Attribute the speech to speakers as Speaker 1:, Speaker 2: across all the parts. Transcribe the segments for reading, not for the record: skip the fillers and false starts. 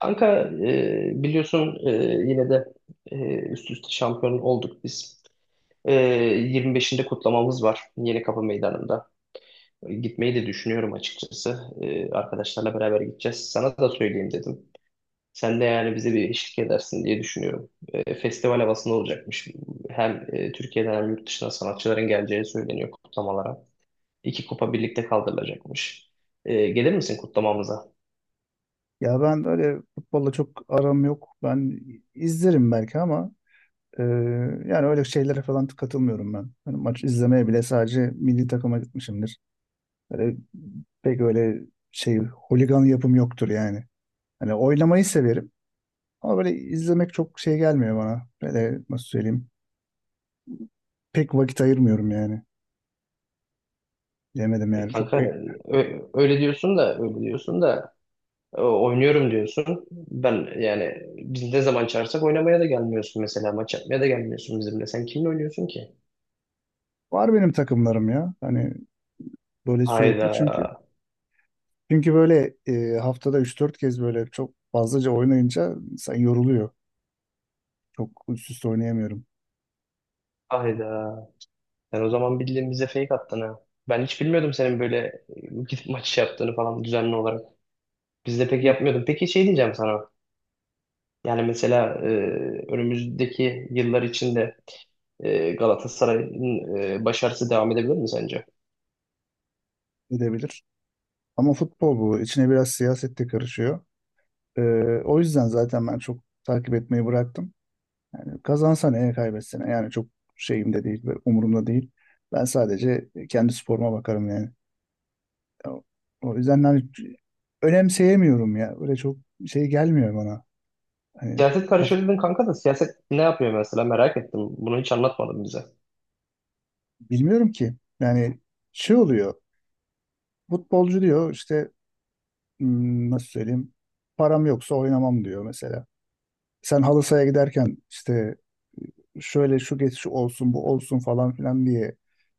Speaker 1: Kanka biliyorsun, yine de üst üste şampiyon olduk biz. E, 25'inde kutlamamız var Yenikapı Meydanı'nda. Gitmeyi de düşünüyorum açıkçası. Arkadaşlarla beraber gideceğiz. Sana da söyleyeyim dedim. Sen de yani bize bir eşlik edersin diye düşünüyorum. Festival havasında olacakmış. Hem Türkiye'den hem yurt dışından sanatçıların geleceği söyleniyor kutlamalara. İki kupa birlikte kaldırılacakmış. Gelir misin kutlamamıza?
Speaker 2: Ya ben öyle futbolla çok aram yok. Ben izlerim belki ama e, yani öyle şeylere falan katılmıyorum ben. Hani maç izlemeye bile sadece milli takıma gitmişimdir. Böyle pek öyle şey holigan yapım yoktur yani. Hani oynamayı severim ama böyle izlemek çok şey gelmiyor bana. Böyle nasıl söyleyeyim? Pek vakit ayırmıyorum yani. Bilemedim
Speaker 1: E
Speaker 2: yani.
Speaker 1: kanka e, öyle diyorsun da öyle diyorsun da. Oynuyorum diyorsun. Ben yani biz ne zaman çağırsak oynamaya da gelmiyorsun mesela. Maç yapmaya da gelmiyorsun bizimle. Sen kimle oynuyorsun ki?
Speaker 2: Var benim takımlarım ya. Hani böyle sürekli
Speaker 1: Hayda,
Speaker 2: çünkü böyle haftada üç dört kez böyle çok fazlaca oynayınca insan yoruluyor. Çok üst üste oynayamıyorum
Speaker 1: hayda. Sen o zaman bildiğin bize fake attın ha. Ben hiç bilmiyordum senin böyle e, gidip maç yaptığını falan düzenli olarak. Biz de pek yapmıyordum. Peki şey diyeceğim sana. Yani mesela önümüzdeki yıllar içinde Galatasaray'ın başarısı devam edebilir mi sence?
Speaker 2: edebilir. Ama futbol bu. İçine biraz siyaset de karışıyor. E, O yüzden zaten ben çok takip etmeyi bıraktım. Yani kazansa ne, kaybetse ne. Yani çok şeyimde değil, böyle umurumda değil. Ben sadece kendi sporuma bakarım yani. O o yüzden hani önemseyemiyorum ya. Böyle çok şey gelmiyor bana. Hani
Speaker 1: Siyaset
Speaker 2: kafa,
Speaker 1: karışıyor dedin kanka da siyaset ne yapıyor mesela merak ettim. Bunu hiç anlatmadın bize.
Speaker 2: bilmiyorum ki. Yani şey oluyor. Futbolcu diyor işte nasıl söyleyeyim param yoksa oynamam diyor mesela. Sen halı sahaya giderken işte şöyle şu geçiş olsun bu olsun falan filan diye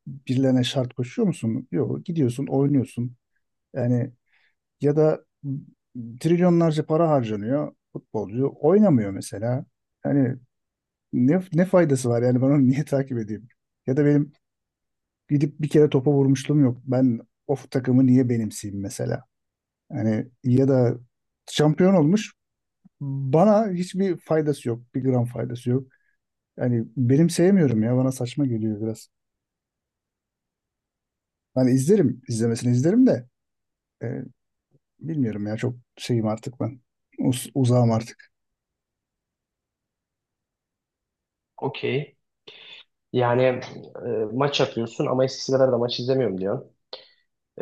Speaker 2: birilerine şart koşuyor musun? Yok, gidiyorsun oynuyorsun. Yani ya da trilyonlarca para harcanıyor futbolcu oynamıyor mesela. Hani ne faydası var yani ben onu niye takip edeyim? Ya da benim gidip bir kere topa vurmuşluğum yok. Ben o takımı niye benimseyeyim mesela? Yani ya da şampiyon olmuş. Bana hiçbir faydası yok. Bir gram faydası yok. Yani benim sevmiyorum ya. Bana saçma geliyor biraz. Hani izlerim. İzlemesini izlerim de e, bilmiyorum ya. Çok şeyim artık ben. Uzağım artık.
Speaker 1: Okey. Yani maç yapıyorsun ama eskisi kadar da maç izlemiyorum diyorsun.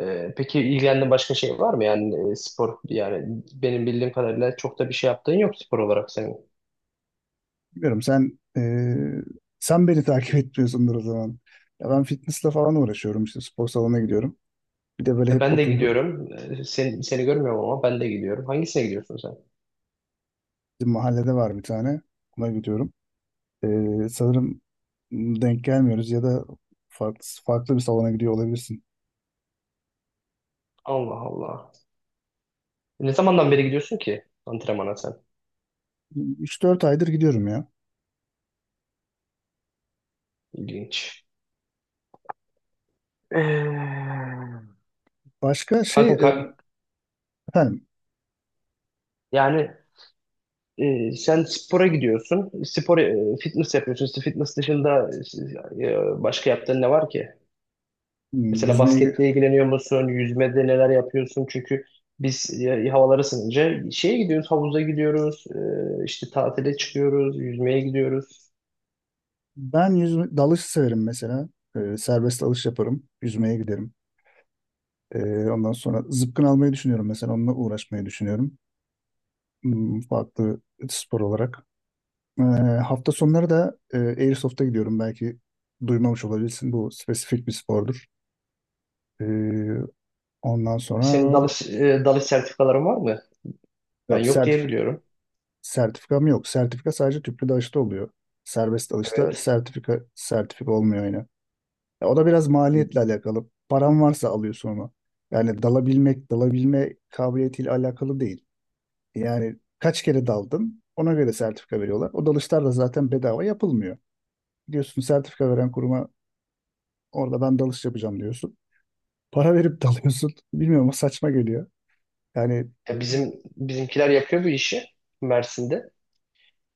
Speaker 1: Peki ilgilendiğin başka şey var mı? Yani spor yani benim bildiğim kadarıyla çok da bir şey yaptığın yok spor olarak senin.
Speaker 2: Bilmiyorum sen sen beni takip etmiyorsundur o zaman. Ya ben fitnessle falan uğraşıyorum işte spor salonuna gidiyorum. Bir de böyle hep
Speaker 1: Ben de
Speaker 2: oturdu.
Speaker 1: gidiyorum. Seni görmüyorum ama ben de gidiyorum. Hangisine gidiyorsun sen?
Speaker 2: Bizim mahallede var bir tane. Ona gidiyorum. Sanırım denk gelmiyoruz ya da farklı bir salona gidiyor olabilirsin.
Speaker 1: Allah Allah. Ne zamandan beri gidiyorsun ki antrenmana sen?
Speaker 2: Üç dört aydır gidiyorum ya.
Speaker 1: İlginç. Eee,
Speaker 2: Başka şey
Speaker 1: Kanka ka-
Speaker 2: efendim
Speaker 1: yani, sen spora gidiyorsun. Spor, fitness yapıyorsun. İşte fitness dışında başka yaptığın ne var ki? Mesela
Speaker 2: yüzmeye
Speaker 1: basketle ilgileniyor musun? Yüzmede neler yapıyorsun? Çünkü biz havalar ısınınca şeye gidiyoruz, havuza gidiyoruz. E, işte tatile çıkıyoruz, yüzmeye gidiyoruz.
Speaker 2: ben yüzme dalış severim mesela. Serbest dalış yaparım. Yüzmeye giderim. Ondan sonra zıpkın almayı düşünüyorum mesela. Onunla uğraşmayı düşünüyorum. Hmm, farklı spor olarak. Ee, hafta sonları da Airsoft'a gidiyorum. Belki duymamış olabilirsin. Bu spesifik bir spordur. Ee, ondan
Speaker 1: Senin
Speaker 2: sonra
Speaker 1: dalış sertifikaların var mı? Ben yok diye
Speaker 2: Sertif
Speaker 1: biliyorum.
Speaker 2: Sertifikam yok. Sertifika sadece tüplü dalışta oluyor. Serbest dalışta
Speaker 1: Evet.
Speaker 2: sertifika olmuyor yine. E, o da biraz maliyetle alakalı. Param varsa alıyorsun onu. Yani dalabilme kabiliyetiyle alakalı değil. Yani kaç kere daldın ona göre sertifika veriyorlar. O dalışlar da zaten bedava yapılmıyor. Gidiyorsun sertifika veren kuruma, orada ben dalış yapacağım diyorsun. Para verip dalıyorsun. Bilmiyorum, o saçma geliyor. Yani
Speaker 1: Bizim bizimkiler yapıyor bu işi Mersin'de.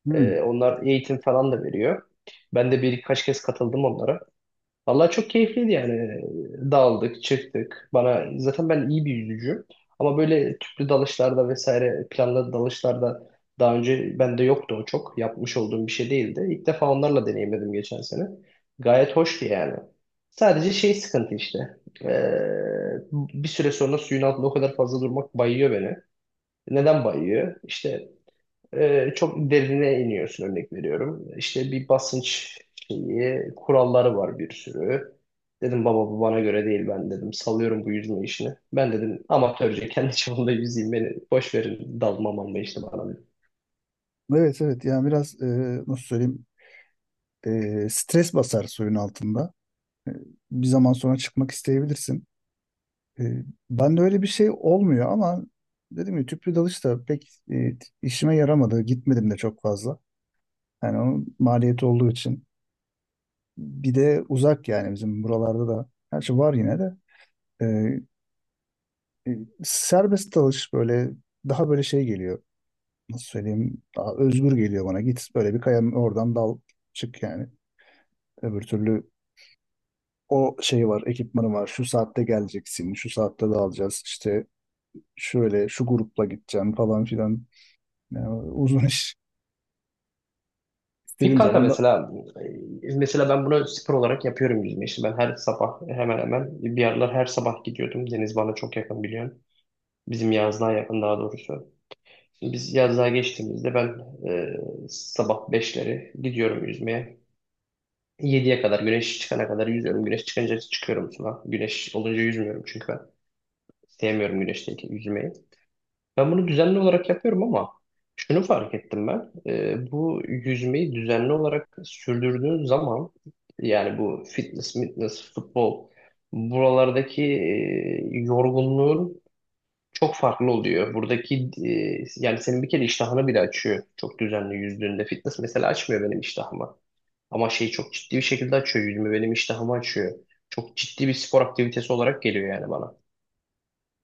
Speaker 2: hmm,
Speaker 1: Onlar eğitim falan da veriyor. Ben de birkaç kez katıldım onlara. Vallahi çok keyifliydi yani. Daldık, çıktık. Bana zaten ben iyi bir yüzücüyüm. Ama böyle tüplü dalışlarda vesaire planlı dalışlarda daha önce bende yoktu o çok. Yapmış olduğum bir şey değildi. İlk defa onlarla deneyimledim geçen sene. Gayet hoştu yani. Sadece şey sıkıntı işte. Ee, Bir süre sonra suyun altında o kadar fazla durmak bayıyor beni. Neden bayıyor? İşte çok derine iniyorsun, örnek veriyorum. İşte bir basınç şeyi, kuralları var bir sürü. Dedim baba bu bana göre değil ben dedim. Salıyorum bu yüzme işini. Ben dedim amatörce kendi çapımda yüzeyim beni. Boş verin dalmam ama işte bana. Dedim.
Speaker 2: evet, evet, yani biraz nasıl söyleyeyim stres basar suyun altında. E, bir zaman sonra çıkmak isteyebilirsin. E, ben de öyle bir şey olmuyor ama dedim ya tüplü dalış da pek işime yaramadı. Gitmedim de çok fazla. Yani onun maliyeti olduğu için. Bir de uzak yani bizim buralarda da. Her şey var yine de. E, e, Serbest dalış böyle daha böyle şey geliyor. Nasıl söyleyeyim? Daha özgür geliyor bana. Git böyle bir kayanın oradan dal çık yani. Öbür türlü o şey var, ekipmanı var. Şu saatte geleceksin, şu saatte dağılacağız. İşte şöyle şu grupla gideceğim falan filan. Yani uzun iş
Speaker 1: Peki
Speaker 2: istediğim
Speaker 1: kanka
Speaker 2: zaman da
Speaker 1: mesela mesela ben bunu spor olarak yapıyorum yüzme işi. Ben her sabah hemen hemen bir aralar her sabah gidiyordum. Deniz bana çok yakın biliyorsun. Bizim yazlığa yakın daha doğrusu. Biz yazlığa geçtiğimizde ben e, sabah beşleri gidiyorum yüzmeye. Yediye kadar güneş çıkana kadar yüzüyorum. Güneş çıkınca çıkıyorum sudan. Güneş olunca yüzmüyorum çünkü ben sevmiyorum güneşteki yüzmeyi. Ben bunu düzenli olarak yapıyorum ama şunu fark ettim ben. Bu yüzmeyi düzenli olarak sürdürdüğün zaman yani bu fitness, futbol buralardaki yorgunluğun çok farklı oluyor. Buradaki yani senin bir kere iştahını bile açıyor çok düzenli yüzdüğünde. Fitness mesela açmıyor benim iştahımı. Ama şey çok ciddi bir şekilde açıyor yüzümü. Benim iştahımı açıyor. Çok ciddi bir spor aktivitesi olarak geliyor yani bana.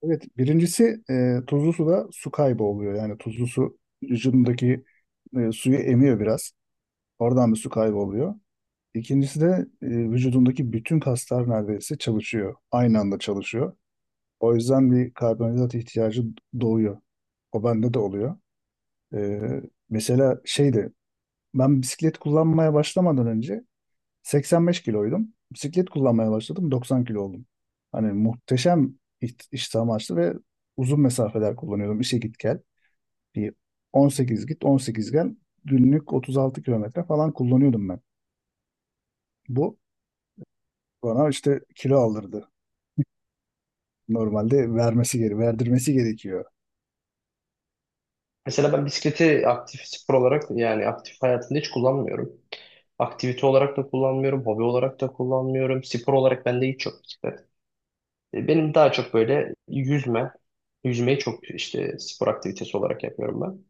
Speaker 2: evet birincisi tuzlu suda su kaybı oluyor. Yani tuzlu su vücudundaki suyu emiyor biraz. Oradan bir su kaybı oluyor. İkincisi de vücudundaki bütün kaslar neredeyse çalışıyor. Aynı anda çalışıyor. O yüzden bir karbonhidrat ihtiyacı doğuyor. O bende de oluyor. E, mesela şeydi ben bisiklet kullanmaya başlamadan önce 85 kiloydum. Bisiklet kullanmaya başladım. 90 kilo oldum. Hani muhteşem istihdam açtı ve uzun mesafeler kullanıyordum. İşe git gel. Bir 18 git 18 gel. Günlük 36 kilometre falan kullanıyordum ben. Bu bana işte kilo aldırdı. Normalde vermesi geri, verdirmesi gerekiyor.
Speaker 1: Mesela ben bisikleti aktif spor olarak yani aktif hayatımda hiç kullanmıyorum. Aktivite olarak da kullanmıyorum, hobi olarak da kullanmıyorum. Spor olarak bende hiç yok bisiklet. Benim daha çok böyle yüzme, yüzmeyi çok işte spor aktivitesi olarak yapıyorum ben.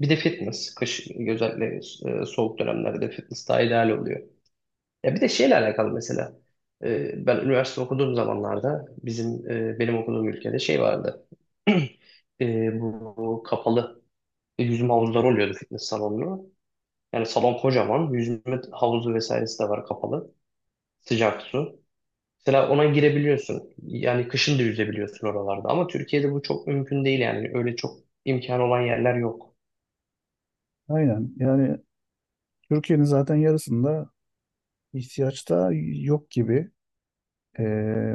Speaker 1: Bir de fitness, kış özellikle soğuk dönemlerde fitness daha ideal oluyor. Ya bir de şeyle alakalı mesela. Ben üniversite okuduğum zamanlarda bizim benim okuduğum ülkede şey vardı. Bu kapalı yüzme havuzları oluyordu fitness salonlu. Yani salon kocaman. Yüzme havuzu vesairesi de var kapalı. Sıcak su. Mesela ona girebiliyorsun. Yani kışın da yüzebiliyorsun oralarda. Ama Türkiye'de bu çok mümkün değil yani. Öyle çok imkan olan yerler yok.
Speaker 2: Aynen. Yani Türkiye'nin zaten yarısında ihtiyaçta yok gibi. Ee,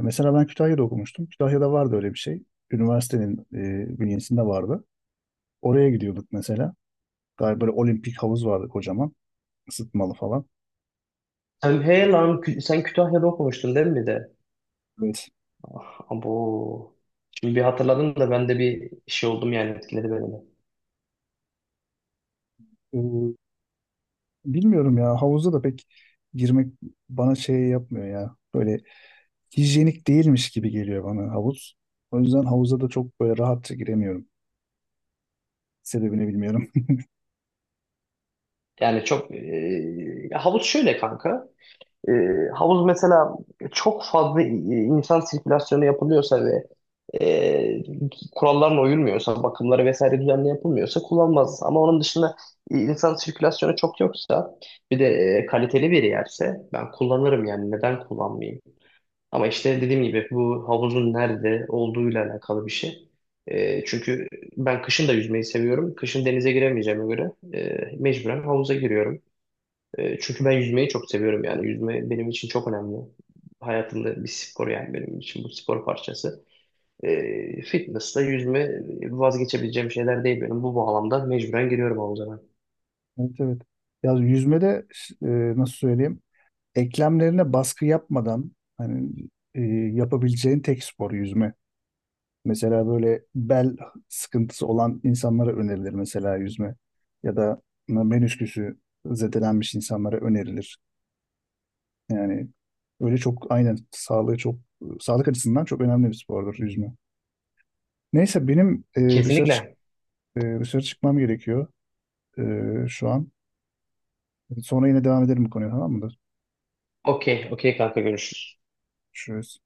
Speaker 2: mesela ben Kütahya'da okumuştum. Kütahya'da vardı öyle bir şey. Üniversitenin bünyesinde vardı. Oraya gidiyorduk mesela. Galiba böyle olimpik havuz vardı kocaman. Isıtmalı falan.
Speaker 1: Sen, hey lan, sen Kütahya'da okumuştun değil mi?
Speaker 2: Evet.
Speaker 1: Bu şimdi bir hatırladım da ben de bir şey oldum yani etkiledi beni de.
Speaker 2: Ee, bilmiyorum ya. Havuza da pek girmek bana şey yapmıyor ya. Böyle hijyenik değilmiş gibi geliyor bana havuz. O yüzden havuza da çok böyle rahatça giremiyorum. Sebebini bilmiyorum.
Speaker 1: Yani çok havuz şöyle kanka. E, Havuz mesela çok fazla insan sirkülasyonu yapılıyorsa ve e, kurallarına uyulmuyorsa, bakımları vesaire düzenli yapılmıyorsa kullanmaz. Ama onun dışında insan sirkülasyonu çok yoksa bir de kaliteli bir yerse ben kullanırım yani neden kullanmayayım? Ama işte dediğim gibi bu havuzun nerede olduğuyla alakalı bir şey. Çünkü ben kışın da yüzmeyi seviyorum. Kışın denize giremeyeceğime göre mecburen havuza giriyorum. Çünkü ben yüzmeyi çok seviyorum yani. Yüzme benim için çok önemli. Hayatımda bir spor yani benim için bu spor parçası. Fitness'la yüzme vazgeçebileceğim şeyler değil benim. Bu bağlamda mecburen giriyorum havuza ben.
Speaker 2: Evet, evet. Ya yüzmede e, nasıl söyleyeyim? Eklemlerine baskı yapmadan hani e, yapabileceğin tek spor yüzme. Mesela böyle bel sıkıntısı olan insanlara önerilir mesela yüzme. Ya da menisküsü zedelenmiş insanlara önerilir. Yani öyle çok aynen sağlığı çok sağlık açısından çok önemli bir spordur yüzme. Neyse benim
Speaker 1: Kesinlikle.
Speaker 2: dışarı çıkmam gerekiyor e, şu an. Sonra yine devam edelim bu konuya, tamam mıdır?
Speaker 1: Okey, okey kanka, görüşürüz.
Speaker 2: Görüşürüz.